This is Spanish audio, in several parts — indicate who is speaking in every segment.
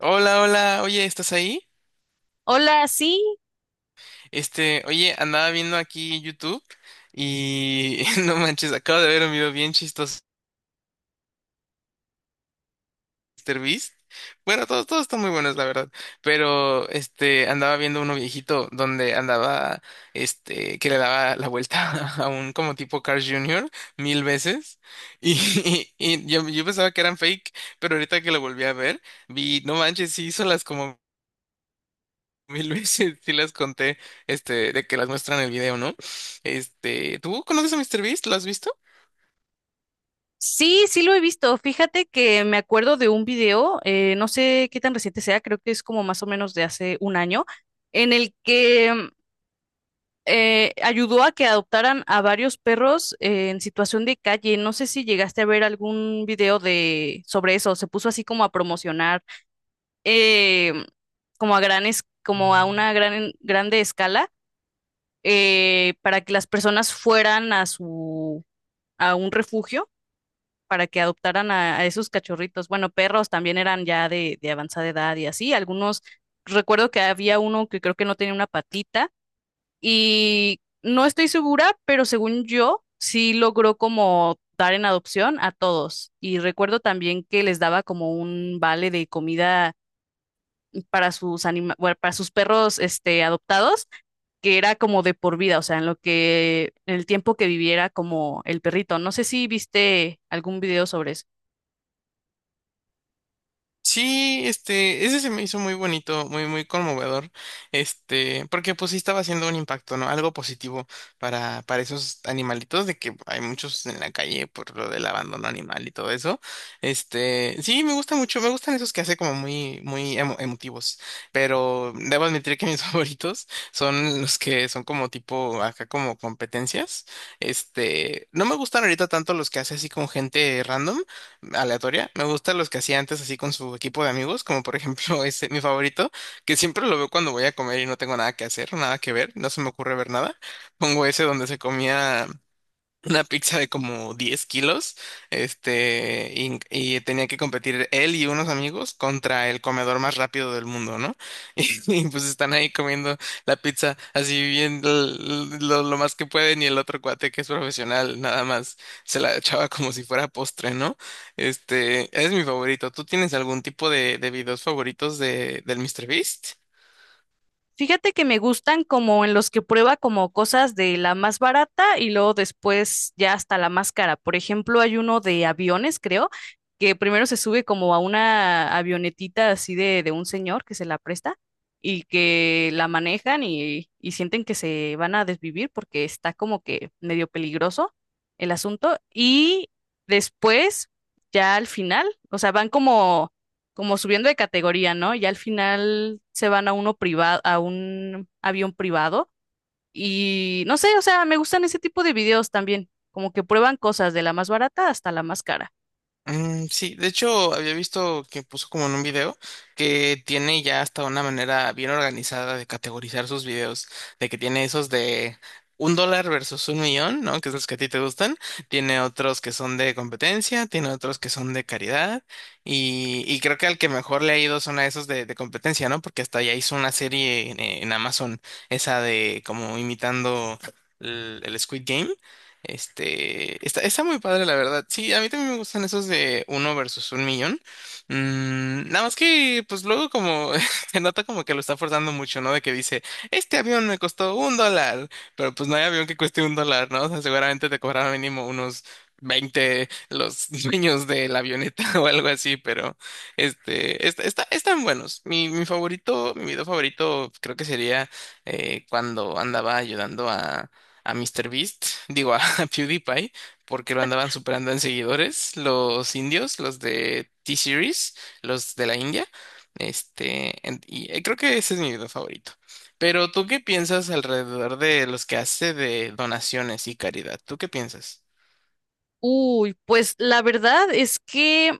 Speaker 1: Hola, hola, oye, ¿estás ahí?
Speaker 2: Hola, sí,
Speaker 1: Oye, andaba viendo aquí YouTube y no manches, acabo de ver un video bien chistoso de MrBeast. Bueno, todos están muy buenos, la verdad, pero andaba viendo uno viejito donde andaba, que le daba la vuelta a un como tipo Carl Jr. mil veces y, y yo pensaba que eran fake, pero ahorita que lo volví a ver, vi, no manches, sí hizo las como mil veces, sí las conté, de que las muestran en el video, ¿no? ¿Tú conoces a Mister Beast? ¿Lo has visto?
Speaker 2: sí, sí lo he visto. Fíjate que me acuerdo de un video, no sé qué tan reciente sea, creo que es como más o menos de hace un año, en el que ayudó a que adoptaran a varios perros en situación de calle. No sé si llegaste a ver algún video de sobre eso. Se puso así como a promocionar, eh, como a granes, como a una grande escala, para que las personas fueran a su a un refugio para que adoptaran a esos cachorritos. Bueno, perros también eran ya de avanzada edad y así. Algunos, recuerdo que había uno que creo que no tenía una patita y no estoy segura, pero según yo, sí logró como dar en adopción a todos. Y recuerdo también que les daba como un vale de comida para sus anima bueno, para sus perros este, adoptados, que era como de por vida, o sea, en el tiempo que viviera como el perrito. No sé si viste algún video sobre eso.
Speaker 1: Sí, ese se me hizo muy bonito, muy, muy conmovedor, porque pues sí estaba haciendo un impacto, ¿no? Algo positivo para esos animalitos, de que hay muchos en la calle por lo del abandono animal y todo eso. Sí, me gusta mucho, me gustan esos que hace como muy, muy emotivos, pero debo admitir que mis favoritos son los que son como tipo, acá como competencias. No me gustan ahorita tanto los que hace así con gente random aleatoria. Me gustan los que hacía antes así con su equipo de amigos, como por ejemplo ese, mi favorito, que siempre lo veo cuando voy a comer y no tengo nada que hacer, nada que ver, no se me ocurre ver nada. Pongo ese donde se comía una pizza de como 10 kilos, y tenía que competir él y unos amigos contra el comedor más rápido del mundo, ¿no? Y, y, pues están ahí comiendo la pizza así bien lo más que pueden y el otro cuate que es profesional nada más se la echaba como si fuera postre, ¿no? Es mi favorito. ¿Tú tienes algún tipo de videos favoritos de, del míster Beast?
Speaker 2: Fíjate que me gustan como en los que prueba como cosas de la más barata y luego después ya hasta la más cara. Por ejemplo, hay uno de aviones, creo, que primero se sube como a una avionetita así de un señor que se la presta y que la manejan y sienten que se van a desvivir porque está como que medio peligroso el asunto. Y después, ya al final, o sea, van como subiendo de categoría, ¿no? Y al final se van a uno privado, a un avión privado. Y no sé, o sea, me gustan ese tipo de videos también, como que prueban cosas de la más barata hasta la más cara.
Speaker 1: Mm, sí, de hecho había visto que puso como en un video que tiene ya hasta una manera bien organizada de categorizar sus videos, de que tiene esos de un dólar versus un millón, ¿no? Que es los que a ti te gustan, tiene otros que son de competencia, tiene otros que son de caridad y creo que al que mejor le ha ido son a esos de competencia, ¿no? Porque hasta ya hizo una serie en Amazon, esa de como imitando el Squid Game. Está, está muy padre, la verdad. Sí, a mí también me gustan esos de uno versus un millón. Mm, nada más que, pues luego como se nota como que lo está forzando mucho, ¿no? De que dice, este avión me costó un dólar, pero pues no hay avión que cueste un dólar, ¿no? O sea, seguramente te cobraron mínimo unos 20 los dueños de la avioneta o algo así, pero está, están buenos. Mi favorito, mi video favorito creo que sería cuando andaba ayudando a Mister Beast, digo, PewDiePie porque lo andaban superando en seguidores los indios, los de T-Series, los de la India. Creo que ese es mi video favorito. Pero ¿tú qué piensas alrededor de los que hace de donaciones y caridad? ¿Tú qué piensas?
Speaker 2: Uy, pues la verdad es que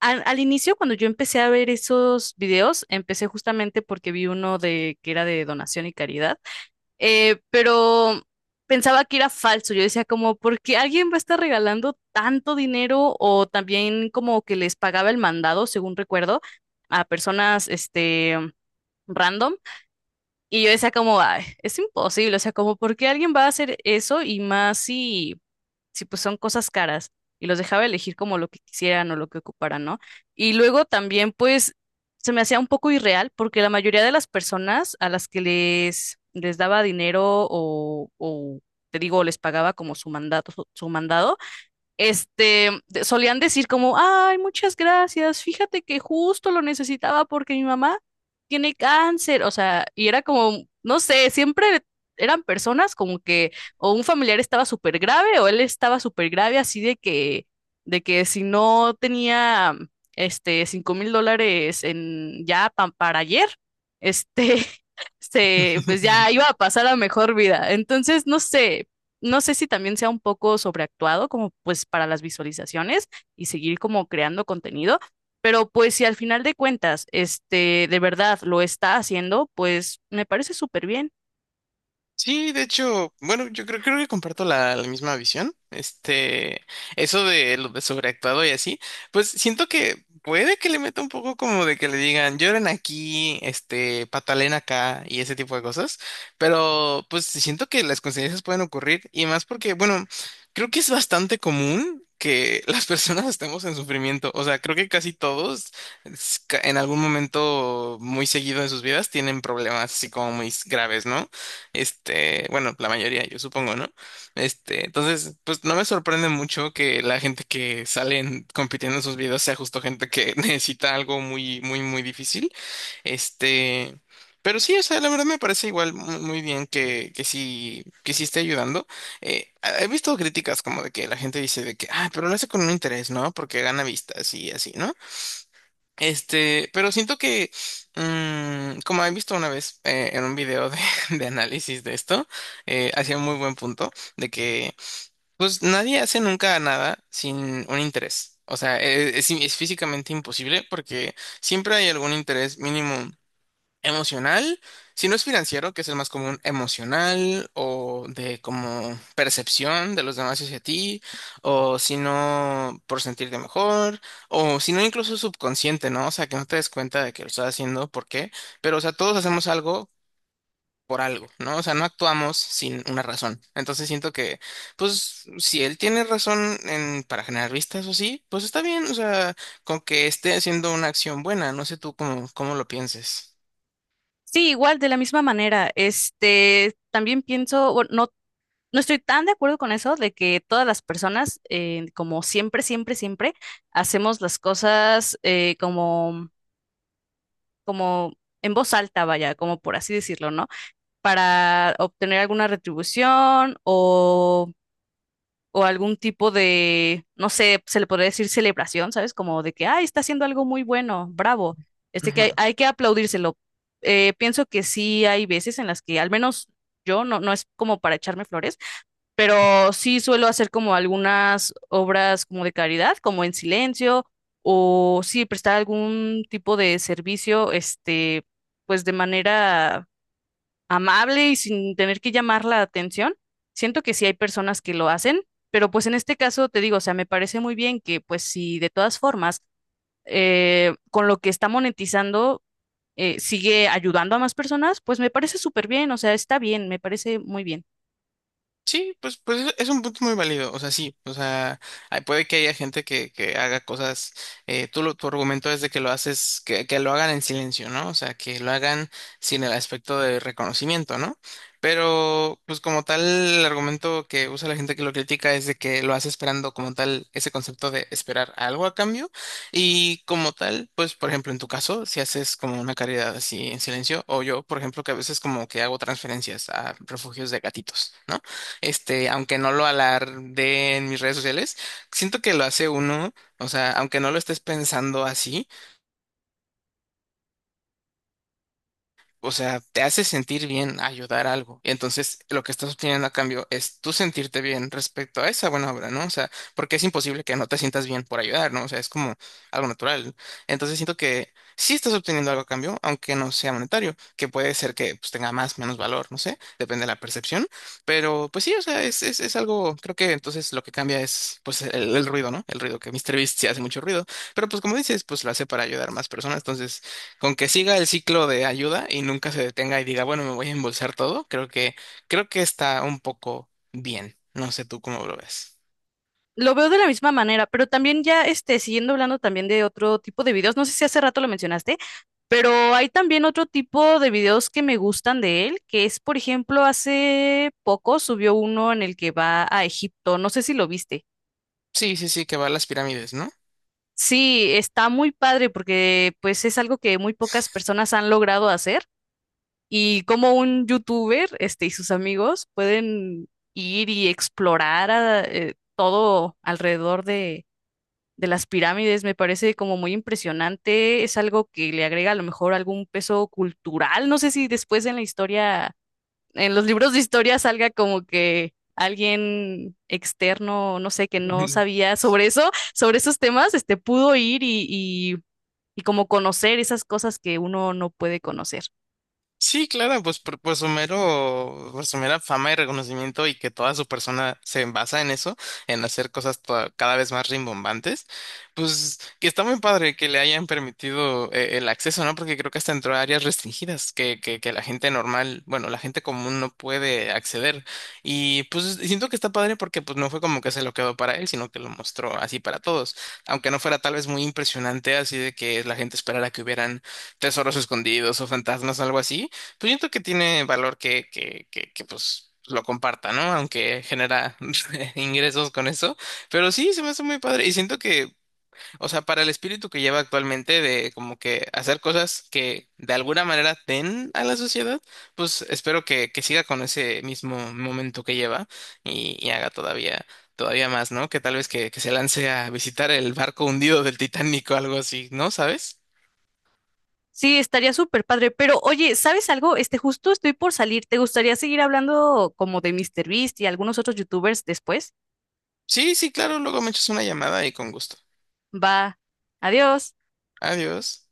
Speaker 2: al inicio, cuando yo empecé a ver esos videos, empecé justamente porque vi uno de que era de donación y caridad. Pero pensaba que era falso. Yo decía como, ¿por qué alguien va a estar regalando tanto dinero? O también como que les pagaba el mandado, según recuerdo, a personas, este, random. Y yo decía como, "Ay, es imposible, o sea, como, ¿por qué alguien va a hacer eso? Y más si, si pues son cosas caras. Y los dejaba elegir como lo que quisieran o lo que ocuparan, ¿no? Y luego también, pues, se me hacía un poco irreal porque la mayoría de las personas a las que les daba dinero o, o, te digo, les pagaba como su mandato, su mandado, este, solían decir como, ay, muchas gracias, fíjate que justo lo necesitaba porque mi mamá tiene cáncer, o sea, y era como, no sé, siempre eran personas como que o un familiar estaba súper grave o él estaba súper grave, así de que, si no tenía, este, $5,000 en, ya para ayer, este, se, pues ya iba a pasar a mejor vida. Entonces, no sé, si también sea un poco sobreactuado como pues para las visualizaciones y seguir como creando contenido, pero pues si al final de cuentas, este, de verdad lo está haciendo, pues me parece súper bien.
Speaker 1: Sí, de hecho, bueno, yo creo, creo que comparto la, la misma visión. Eso de lo de sobreactuado y así, pues siento que puede que le meta un poco como de que le digan lloren aquí, este, patalen acá y ese tipo de cosas, pero pues siento que las consecuencias pueden ocurrir y más porque, bueno, creo que es bastante común que las personas estemos en sufrimiento. O sea, creo que casi todos en algún momento muy seguido de sus vidas tienen problemas así como muy graves, ¿no? Bueno, la mayoría, yo supongo, ¿no? Entonces, pues no me sorprende mucho que la gente que salen compitiendo en sus videos sea justo gente que necesita algo muy, muy, muy difícil. Este, pero sí, o sea, la verdad me parece igual muy bien que sí esté ayudando. Eh, he visto críticas como de que la gente dice de que, ah, pero lo hace con un interés, ¿no? Porque gana vistas y así, ¿no? Pero siento que, como he visto una vez en un video de, de análisis de esto, hacía un muy buen punto de que, pues, nadie hace nunca nada sin un interés. O sea, es físicamente imposible porque siempre hay algún interés mínimo emocional, si no es financiero, que es el más común, emocional o de como percepción de los demás hacia ti, o si no por sentirte mejor, o si no incluso subconsciente, ¿no? O sea, que no te des cuenta de que lo estás haciendo, ¿por qué? Pero, o sea, todos hacemos algo por algo, ¿no? O sea, no actuamos sin una razón. Entonces siento que, pues, si él tiene razón en, para generar vistas o sí, pues está bien, o sea, con que esté haciendo una acción buena, no sé tú cómo, cómo lo pienses.
Speaker 2: Sí, igual, de la misma manera, este, también pienso, bueno, no, no estoy tan de acuerdo con eso de que todas las personas, como siempre, siempre, siempre, hacemos las cosas como, como en voz alta, vaya, como por así decirlo, ¿no? Para obtener alguna retribución o algún tipo de, no sé, se le podría decir celebración, ¿sabes? Como de que, ay, está haciendo algo muy bueno, bravo. Este que hay que aplaudírselo. Pienso que sí hay veces en las que, al menos yo, no, no es como para echarme flores, pero sí suelo hacer como algunas obras como de caridad, como en silencio, o sí prestar algún tipo de servicio, este, pues de manera amable y sin tener que llamar la atención. Siento que sí hay personas que lo hacen, pero pues en este caso te digo, o sea, me parece muy bien que pues si de todas formas con lo que está monetizando sigue ayudando a más personas, pues me parece súper bien, o sea, está bien, me parece muy bien.
Speaker 1: Sí, pues, pues es un punto muy válido, o sea, sí, o sea, puede que haya gente que haga cosas, tu argumento es de que lo haces, que lo hagan en silencio, ¿no? O sea, que lo hagan sin el aspecto de reconocimiento, ¿no? Pero, pues como tal, el argumento que usa la gente que lo critica es de que lo hace esperando como tal ese concepto de esperar algo a cambio y como tal, pues, por ejemplo, en tu caso, si haces como una caridad así en silencio, o yo, por ejemplo, que a veces como que hago transferencias a refugios de gatitos, ¿no? Aunque no lo alarde en mis redes sociales, siento que lo hace uno, o sea, aunque no lo estés pensando así, o sea, te hace sentir bien ayudar a algo. Y entonces lo que estás obteniendo a cambio es tú sentirte bien respecto a esa buena obra, ¿no? O sea, porque es imposible que no te sientas bien por ayudar, ¿no? O sea, es como algo natural. Entonces siento que sí estás obteniendo algo a cambio, aunque no sea monetario, que puede ser que pues, tenga más, menos valor, no sé, depende de la percepción. Pero pues sí, o sea, es algo, creo que entonces lo que cambia es pues el ruido, ¿no? El ruido que míster Beast sí hace mucho ruido. Pero pues como dices, pues lo hace para ayudar a más personas. Entonces con que siga el ciclo de ayuda y nunca se detenga y diga, bueno, me voy a embolsar todo, creo que está un poco bien. No sé tú cómo lo ves.
Speaker 2: Lo veo de la misma manera, pero también ya este, siguiendo hablando también de otro tipo de videos, no sé si hace rato lo mencionaste. Pero hay también otro tipo de videos que me gustan de él, que es, por ejemplo, hace poco subió uno en el que va a Egipto, no sé si lo viste.
Speaker 1: Sí, sí, sí, que va a las pirámides, ¿no?
Speaker 2: Sí, está muy padre porque pues es algo que muy pocas personas han logrado hacer y como un youtuber, este, y sus amigos pueden ir y explorar todo alrededor de las pirámides, me parece como muy impresionante, es algo que le agrega a lo mejor algún peso cultural, no sé si después en la historia en los libros de historia salga como que alguien externo, no sé, que no sabía sobre eso, sobre esos temas, este, pudo ir y, y como conocer esas cosas que uno no puede conocer.
Speaker 1: Sí, claro, pues por su mero, por su mera fama y reconocimiento y que toda su persona se basa en eso, en hacer cosas cada vez más rimbombantes, pues que está muy padre que le hayan permitido el acceso, ¿no? Porque creo que hasta entró a áreas restringidas que la gente normal, bueno, la gente común no puede acceder. Y pues siento que está padre porque pues no fue como que se lo quedó para él, sino que lo mostró así para todos, aunque no fuera tal vez muy impresionante así de que la gente esperara que hubieran tesoros escondidos o fantasmas algo así, pues siento que tiene valor que, pues lo comparta, ¿no? Aunque genera ingresos con eso. Pero sí, se me hace muy padre. Y siento que, o sea, para el espíritu que lleva actualmente de como que hacer cosas que de alguna manera den a la sociedad, pues espero que siga con ese mismo momento que lleva y haga todavía, todavía más, ¿no? Que tal vez que se lance a visitar el barco hundido del Titanic o algo así, ¿no? ¿Sabes?
Speaker 2: Sí, estaría súper padre, pero oye, ¿sabes algo? Este, justo estoy por salir. ¿Te gustaría seguir hablando como de míster Beast y algunos otros youtubers después?
Speaker 1: Sí, sí, claro, luego me echas una llamada y con gusto.
Speaker 2: Va, adiós.
Speaker 1: Adiós.